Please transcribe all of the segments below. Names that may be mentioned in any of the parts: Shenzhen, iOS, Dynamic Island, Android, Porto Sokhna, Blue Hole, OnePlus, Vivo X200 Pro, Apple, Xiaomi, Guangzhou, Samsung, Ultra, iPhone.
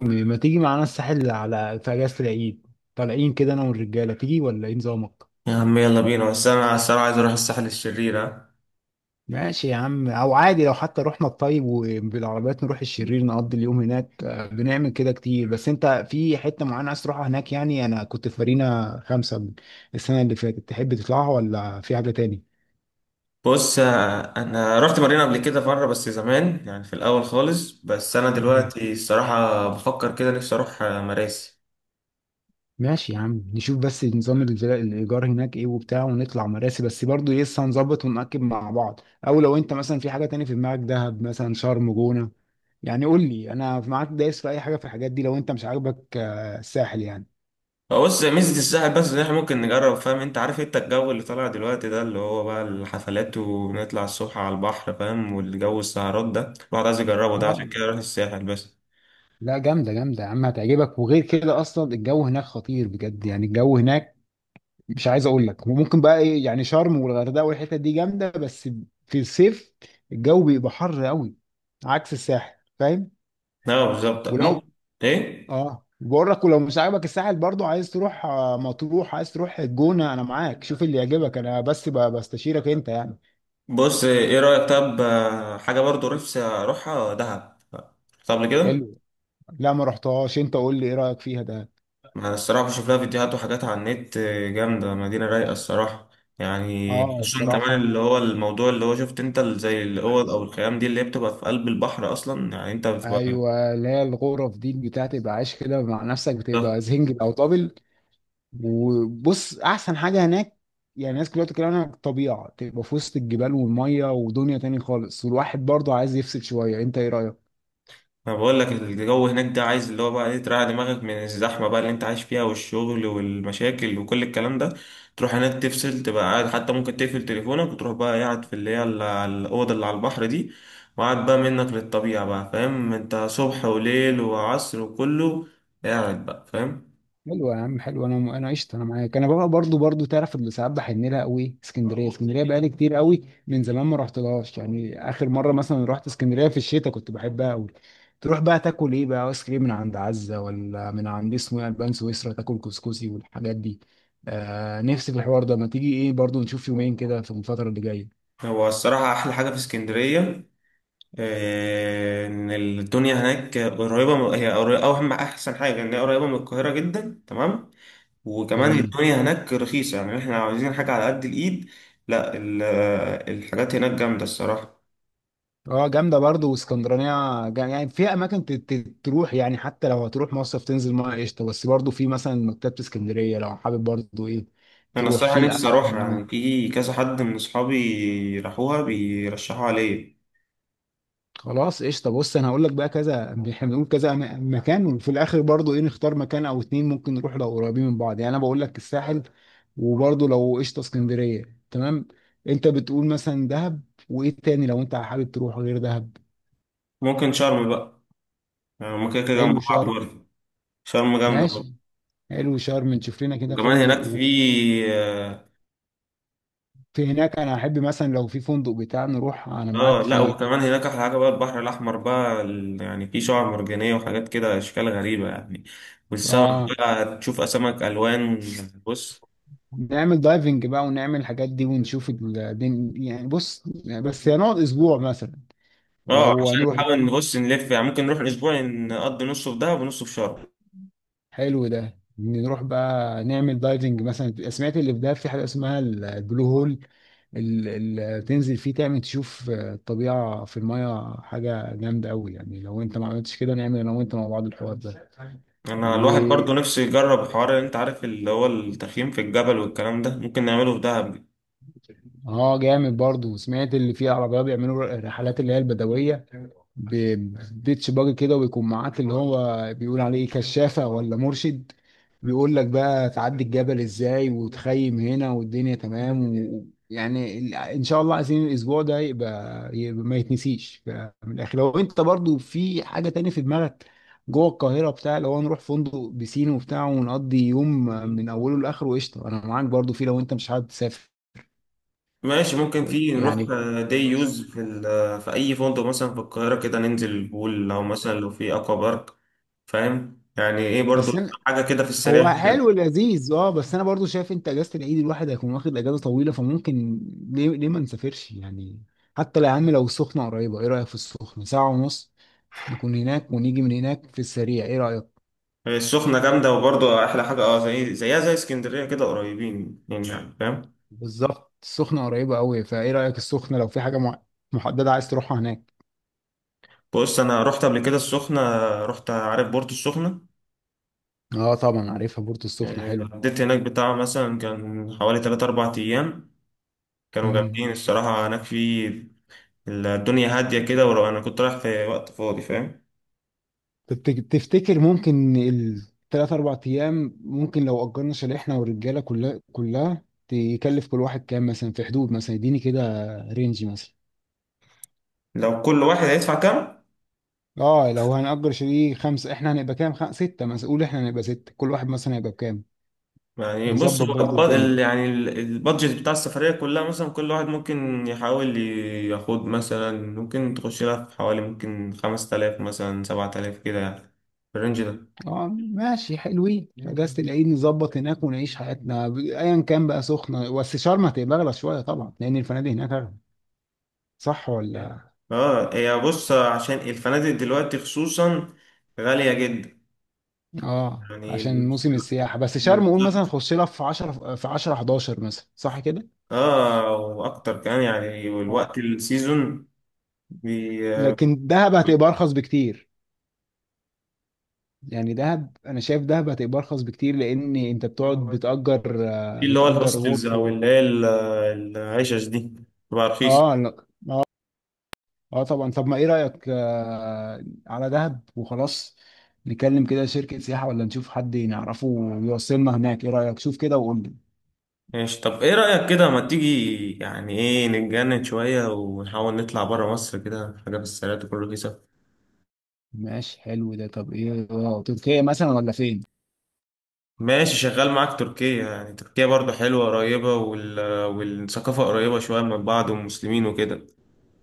ما تيجي معانا الساحل على في اجازة العيد؟ طالعين كده انا والرجالة، تيجي ولا ايه نظامك؟ يا عم يلا بينا، بس انا الصراحه عايز اروح الساحل الشرير، ها. ماشي يا عم، او عادي لو حتى رحنا الطيب وبالعربيات نروح الشرير نقضي اليوم هناك. بنعمل كده كتير، بس انت في حتة معينة عايز تروحها هناك يعني؟ انا كنت في مارينا خمسة السنة اللي فاتت، تحب تطلعها ولا في حاجة بص، انا رحت مارينا قبل كده مره، بس زمان يعني، في الاول خالص. بس انا تاني؟ دلوقتي الصراحه بفكر كده، نفسي اروح مراسي. ماشي يا عم، نشوف بس نظام الايجار هناك ايه وبتاع، ونطلع مراسي. بس برضو لسه هنظبط ونأكد مع بعض. او لو انت مثلا في حاجه تاني في دماغك، دهب مثلا، شرم، جونه يعني، قول لي. انا معاك دايس في اي حاجه في الحاجات دي، لو انت مش عاجبك الساحل يعني. بص، ميزه الساحل بس ان احنا ممكن نجرب، فاهم؟ انت عارف انت الجو اللي طالع دلوقتي ده، اللي هو بقى الحفلات، ونطلع الصبح على البحر، فاهم؟ والجو السهرات ده الواحد عايز يجربه، ده عشان اه كده اروح الساحل بس. لا، جامده جامده يا عم، هتعجبك. وغير كده اصلا الجو هناك خطير بجد، يعني الجو هناك مش عايز اقول لك. وممكن بقى ايه يعني، شرم والغردقه والحتت دي جامده، بس في الصيف الجو بيبقى حر قوي عكس الساحل، فاهم؟ لا بالظبط ولو، ممكن. ايه. اه بقول لك، ولو مش عاجبك الساحل برضو عايز تروح مطروح، عايز تروح الجونة، انا معاك، شوف اللي يعجبك، انا بس بستشيرك انت يعني. بص ايه رأيك؟ طب حاجة برضو نفسي اروحها دهب. طب قبل كده، حلو. لا ما رحتهاش، انت قول لي ايه رأيك فيها ده. انا الصراحة بشوف لها فيديوهات وحاجات على النت، جامدة، مدينة رايقة الصراحة. يعني اه خصوصا كمان اللي الصراحة هو الموضوع، اللي هو شفت انت زي الاوض او الخيام دي اللي هي بتبقى في قلب البحر اصلا، يعني انت بتبقى. ايوه، اللي هي الغرف دي بتاعت، تبقى عايش كده مع نفسك، بتبقى زنجل او دبل. وبص احسن حاجة هناك يعني، الناس كلها بتتكلم عنها، الطبيعة، تبقى في وسط الجبال والمية ودنيا تاني خالص، والواحد برضه عايز يفصل شوية. انت ايه رأيك؟ انا بقول لك الجو هناك ده عايز اللي هو بقى ايه، تريح دماغك من الزحمه بقى اللي انت عايش فيها، والشغل والمشاكل وكل الكلام ده. تروح هناك تفصل، تبقى قاعد، حتى ممكن تقفل تليفونك وتروح بقى قاعد في اللي هي الاوضه اللي على البحر دي، وقاعد بقى منك للطبيعه بقى، فاهم انت، صبح وليل وعصر وكله، قاعد بقى، فاهم. حلو يا عم، حلو. انا قشطه، انا معاك. انا بقى برضو تعرف، اللي ساعات بحن لها قوي اسكندريه. اسكندريه بقالي كتير قوي من زمان ما رحتلهاش يعني، اخر مره مثلا رحت اسكندريه في الشتاء، كنت بحبها قوي. تروح بقى تاكل ايه بقى، ايس كريم من عند عزه ولا من عند اسمه ايه، البان سويسرا، تاكل كسكسي والحاجات دي. آه نفسي في الحوار ده، ما تيجي ايه برضو نشوف يومين كده في الفتره اللي جايه. هو الصراحه احلى حاجه في اسكندريه ان الدنيا هناك قريبه من- هي قريبة- او اهم احسن حاجه ان هي قريبه من القاهره جدا، تمام. وكمان تمام. الدنيا هناك رخيصة، يعني احنا عاوزين حاجة على قد الإيد. لا، الحاجات هناك جامدة الصراحة. اه جامده برضه، واسكندرانيه يعني في اماكن تروح يعني، حتى لو هتروح مصيف تنزل ميه قشطه، بس برضه في مثلا مكتبه اسكندريه لو حابب، برضه ايه، أنا تروح الصراحة في نفسي القلعه أروحها، هناك. يعني في كذا حد من أصحابي راحوها بيرشحوا عليا. خلاص قشطه، بص انا هقول لك بقى، كذا احنا بنقول كذا مكان، وفي الاخر برضه ايه، نختار مكان او اتنين، ممكن نروح لو قريبين من بعض. يعني انا بقول لك الساحل، وبرضه لو قشطه اسكندريه تمام، انت بتقول مثلا دهب، وايه تاني لو انت حابب تروح غير دهب؟ ممكن شرم بقى، يعني هما كده كده جنب حلو بعض شرم. برضه. شرم جامدة برضه. ماشي، حلو شرم، نشوف لنا كده وكمان هناك في، فندق اه، في هناك. انا احب مثلا لو في فندق بتاع نروح انا معاك لا، فيه. وكمان هناك أحلى حاجة بقى، البحر الأحمر بقى، يعني في شعاب مرجانية وحاجات كده، أشكال غريبة يعني، والسمك اه بقى تشوف أسماك ألوان. بص، نعمل دايفنج بقى ونعمل الحاجات دي ونشوف الدين يعني، بص، بس هنقعد اسبوع مثلا اه، لو عشان هنروح. نحاول نبص نلف يعني، ممكن نروح الاسبوع، نقضي نصه في دهب ونصه في شرم. حلو ده، نروح بقى نعمل دايفنج. مثلا سمعت اللي في ده في حاجه اسمها البلو هول، اللي تنزل فيه تعمل تشوف الطبيعه في المايه، حاجه جامده قوي يعني. لو انت ما عملتش كده، نعمل انا وانت مع بعض الحوار ده. انا الواحد برضو نفسه يجرب الحوار اللي انت عارف اللي هو التخييم في الجبل والكلام ده، ممكن نعمله في دهب. اه جامد برضو، سمعت اللي فيه عربيات بيعملوا الرحلات اللي هي البدوية، ببيتش باجي كده، ويكون معاك اللي هو بيقول عليه كشافة ولا مرشد، بيقول لك بقى تعدي الجبل ازاي وتخيم هنا والدنيا تمام. يعني ان شاء الله عايزين الاسبوع ده يبقى، ما يتنسيش. من الاخر لو انت برضو في حاجة تاني في دماغك، جوه القاهرة بتاع، لو نروح فندق بسين وبتاع ونقضي يوم من اوله لاخره، قشطة انا معاك برضو في، لو انت مش حابب تسافر ماشي ممكن في، نروح يعني. دي يوز في في اي فندق مثلا في القاهره كده، ننزل البول، او مثلا لو في اكوا بارك، فاهم يعني ايه برضو، بس انا حاجه كده في السريع هو هنا. حلو لذيذ، اه، بس انا برضو شايف انت اجازه العيد، الواحد هيكون واخد اجازه طويله فممكن، ليه ليه ما نسافرش يعني؟ حتى لو يا عم، لو السخنه قريبه، ايه رايك في السخنه؟ ساعه ونص نكون هناك، ونيجي من هناك في السريع، ايه رايك؟ السخنه جامده، وبرضو احلى حاجه اه، زي زيها زي اسكندريه كده، قريبين يعني، فاهم. بالظبط السخنه قريبه قوي، فايه رايك السخنه؟ لو في حاجه محدده عايز تروحها هناك. بص، انا رحت قبل كده السخنه، رحت عارف بورتو السخنه، اه طبعا عارفها، بورتو السخنه. قضيت هناك بتاع مثلا كان حوالي تلات أربع أيام، كانوا حلو. جامدين الصراحة، هناك في الدنيا هادية كده، ولو أنا كنت رايح في وقت فاضي، فاهم. طب تفتكر ممكن الثلاث اربع ايام، ممكن لو اجرنا شاليه احنا والرجاله كلها كلها، تكلف كل واحد كام مثلا؟ في حدود مثلا، يديني كده رينج مثلا. لو كل واحد هيدفع كام، اه لو هنأجر شاليه خمسة، احنا هنبقى كام، ستة مثلا، قول احنا هنبقى ستة، كل واحد مثلا هيبقى بكام؟ يعني بص نظبط هو برضو الدنيا. البادجت بتاع السفرية كلها، مثلا كل واحد ممكن يحاول ياخد مثلا، ممكن تخش لها في حوالي، ممكن خمس تلاف مثلا، سبعة تلاف كده يعني، في الرينج ده. اه ماشي، حلوين في اجازة العيد، نظبط هناك ونعيش حياتنا. ايا كان بقى، سخنة، بس شرم هتبقى اغلى شوية طبعا لان الفنادق هناك اغلى، صح ولا؟ اه، هي بص، عشان الفنادق دلوقتي خصوصا غالية جدا اه عشان يعني. موسم السياحة. بس شرم قول مثلا تخش لها في 10، في 10 11 مثلا، صح كده؟ اه، واكتر كمان يعني، والوقت اه السيزون. بي... لكن دهب هتبقى ارخص بكتير، يعني دهب انا شايف دهب هتبقى ارخص بكتير، لان انت بتقعد بتأجر، في اللي هو بتأجر الهوستلز، وقت. او اللي هي العشش دي، بتبقى رخيصة. اه لا. اه طبعا. طب ما ايه رأيك على دهب وخلاص؟ نكلم كده شركة سياحة ولا نشوف حد نعرفه ويوصلنا هناك، ايه رأيك؟ شوف كده وقول لي. ماشي. طب ايه رأيك كده، ما تيجي يعني ايه، نتجنن شوية ونحاول نطلع برا مصر كده، حاجة في السريع تكون رخيصة. ماشي حلو ده. طب ايه، تركيا مثلا ولا فين؟ ماشي شغال معاك تركيا، يعني تركيا برضو حلوة، قريبة، والثقافة قريبة شوية من بعض، والمسلمين وكده.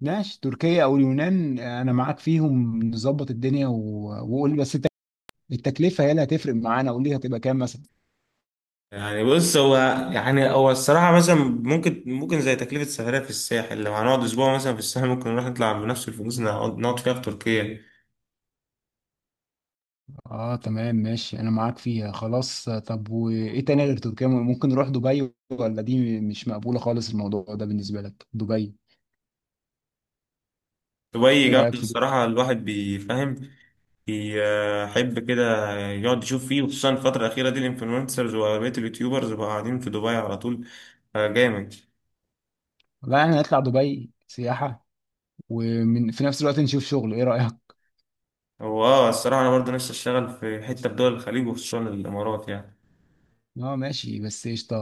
ماشي، تركيا او اليونان انا معاك فيهم، نظبط الدنيا و... وقول لي بس التكلفه هي اللي هتفرق معانا، قول لي هتبقى كام مثلا. يعني بص هو الصراحة مثلا، ممكن زي تكلفة سفرية في الساحل، لو هنقعد أسبوع مثلا في الساحل، ممكن نروح نطلع بنفس الفلوس اللي هنقعد نقعد فيها في تركيا. اه تمام، ماشي انا معاك فيها خلاص. طب وايه تاني غير تركيا؟ ممكن نروح دبي؟ ولا دي مش مقبوله خالص الموضوع ده بالنسبه لك، دبي؟ دبي ايه رايك جامدة في دبي؟ الصراحة، الواحد بيفهم بيحب كده يقعد يشوف فيه، وخصوصا الفترة الأخيرة دي الإنفلونسرز وبقية اليوتيوبرز بقوا قاعدين في دبي على طول، جامد. لا احنا نطلع دبي سياحه، ومن في نفس الوقت نشوف شغل، ايه رايك؟ هو اه، الصراحة أنا برضه نفسي أشتغل في حتة في دول الخليج، وخصوصا الإمارات يعني. اه ماشي بس قشطه،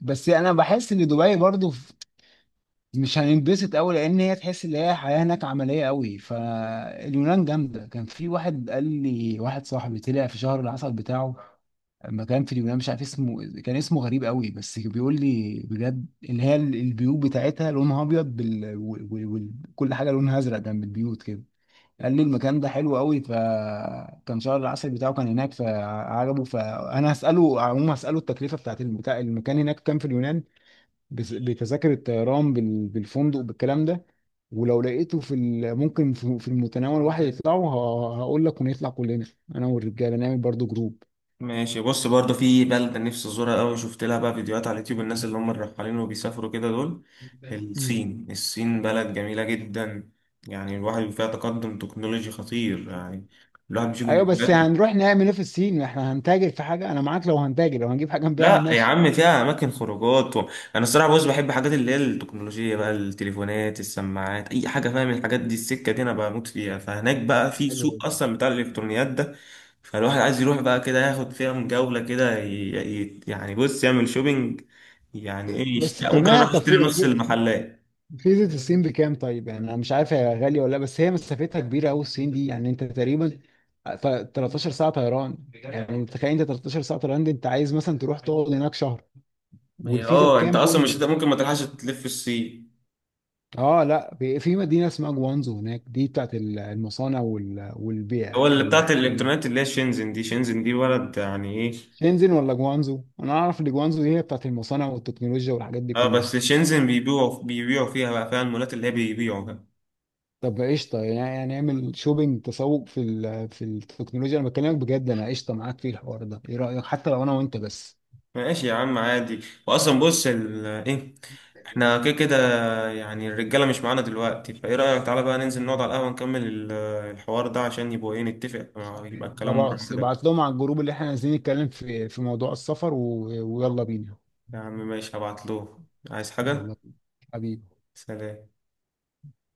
بس انا بحس ان دبي برضو مش هننبسط قوي، لان هي تحس ان هي حياه هناك عمليه قوي. فاليونان جامده، كان في واحد قال لي، واحد صاحبي طلع في شهر العسل بتاعه مكان في اليونان، مش عارف اسمه، كان اسمه غريب قوي، بس بيقول لي بجد اللي هي البيوت بتاعتها لونها ابيض كل حاجه لونها ازرق جنب البيوت كده. قال لي المكان ده حلو قوي، فكان شهر العسل بتاعه كان هناك فعجبه. فانا هساله عموما، هساله التكلفه بتاعت المكان، هناك كام في اليونان، بتذاكر الطيران بالفندق بالكلام ده. ولو لقيته في ممكن في في المتناول، واحد يطلعوا، هقول لك ونطلع كلنا انا والرجاله، نعمل برضو جروب. ماشي. بص، برضه في بلدة نفسي أزورها أوي، شفت لها بقى فيديوهات على اليوتيوب الناس اللي هم الرحالين وبيسافروا كده دول، مم. الصين. الصين بلد جميلة جدا، يعني الواحد فيها تقدم تكنولوجي خطير يعني، الواحد بيشوف ايوه، بس الفيديوهات. هنروح نعمل ايه في الصين؟ ما احنا هنتاجر في حاجه؟ انا معاك لو هنتاجر، لو هنجيب حاجه نبيعها لا يا ماشي. عم، فيها اماكن خروجات انا الصراحه، بص، بحب حاجات اللي هي التكنولوجيا بقى، التليفونات، السماعات، اي حاجه، فاهم، الحاجات دي، السكه دي انا بموت فيها، فهناك بقى في حلوة سوق دي. اصلا بتاع الالكترونيات ده. فالواحد عايز يروح بقى كده ياخد فيها من جوله كده، يعني بص يعمل شوبينج، يعني ايه، بس ممكن تمام، اروح طب في اشتري نص المحلات. فيزة الصين بكام طيب؟ يعني انا مش عارف هي غاليه ولا لا، بس هي مسافتها كبيره قوي الصين دي، يعني انت تقريبا 13 ساعه طيران، يعني تخيل انت 13 ساعه طيران دي، انت عايز مثلا تروح تقعد هناك شهر. ما هي والفيزا اه، انت بكام اصلا قول مش لي؟ هت- ممكن ما تلحقش تلف الصين. اه لا، في في مدينه اسمها جوانزو هناك، دي بتاعت المصانع هو والبيع اللي بتاعت الالكتروني. الالكترونيات اللي هي شينزن دي، شينزن دي بلد يعني، إيه. شنزن ولا جوانزو؟ انا اعرف ان جوانزو دي هي بتاعت المصانع والتكنولوجيا والحاجات دي اه كلها. بس شينزن بيبيعوا فيها بقى، فيها المولات اللي هي بيبيعوا بقى. طب قشطه، يعني هنعمل شوبينج، تسوق في في التكنولوجيا. انا بكلمك بجد انا قشطه معاك في الحوار ده، ايه رايك حتى لو انا وانت بس؟ ماشي يا عم عادي. واصلا بص ايه، احنا كده كده يعني، الرجاله مش معانا دلوقتي، فايه رايك تعالى بقى ننزل نقعد على القهوه، نكمل الحوار ده، عشان يبقى ايه، نتفق، يبقى الكلام مره خلاص، كده. ابعت لهم على الجروب اللي احنا عايزين نتكلم في في موضوع السفر و... ويلا بينا. يا عم ماشي، هبعت له. عايز حاجه؟ يلا بينا حبيبي. سلام.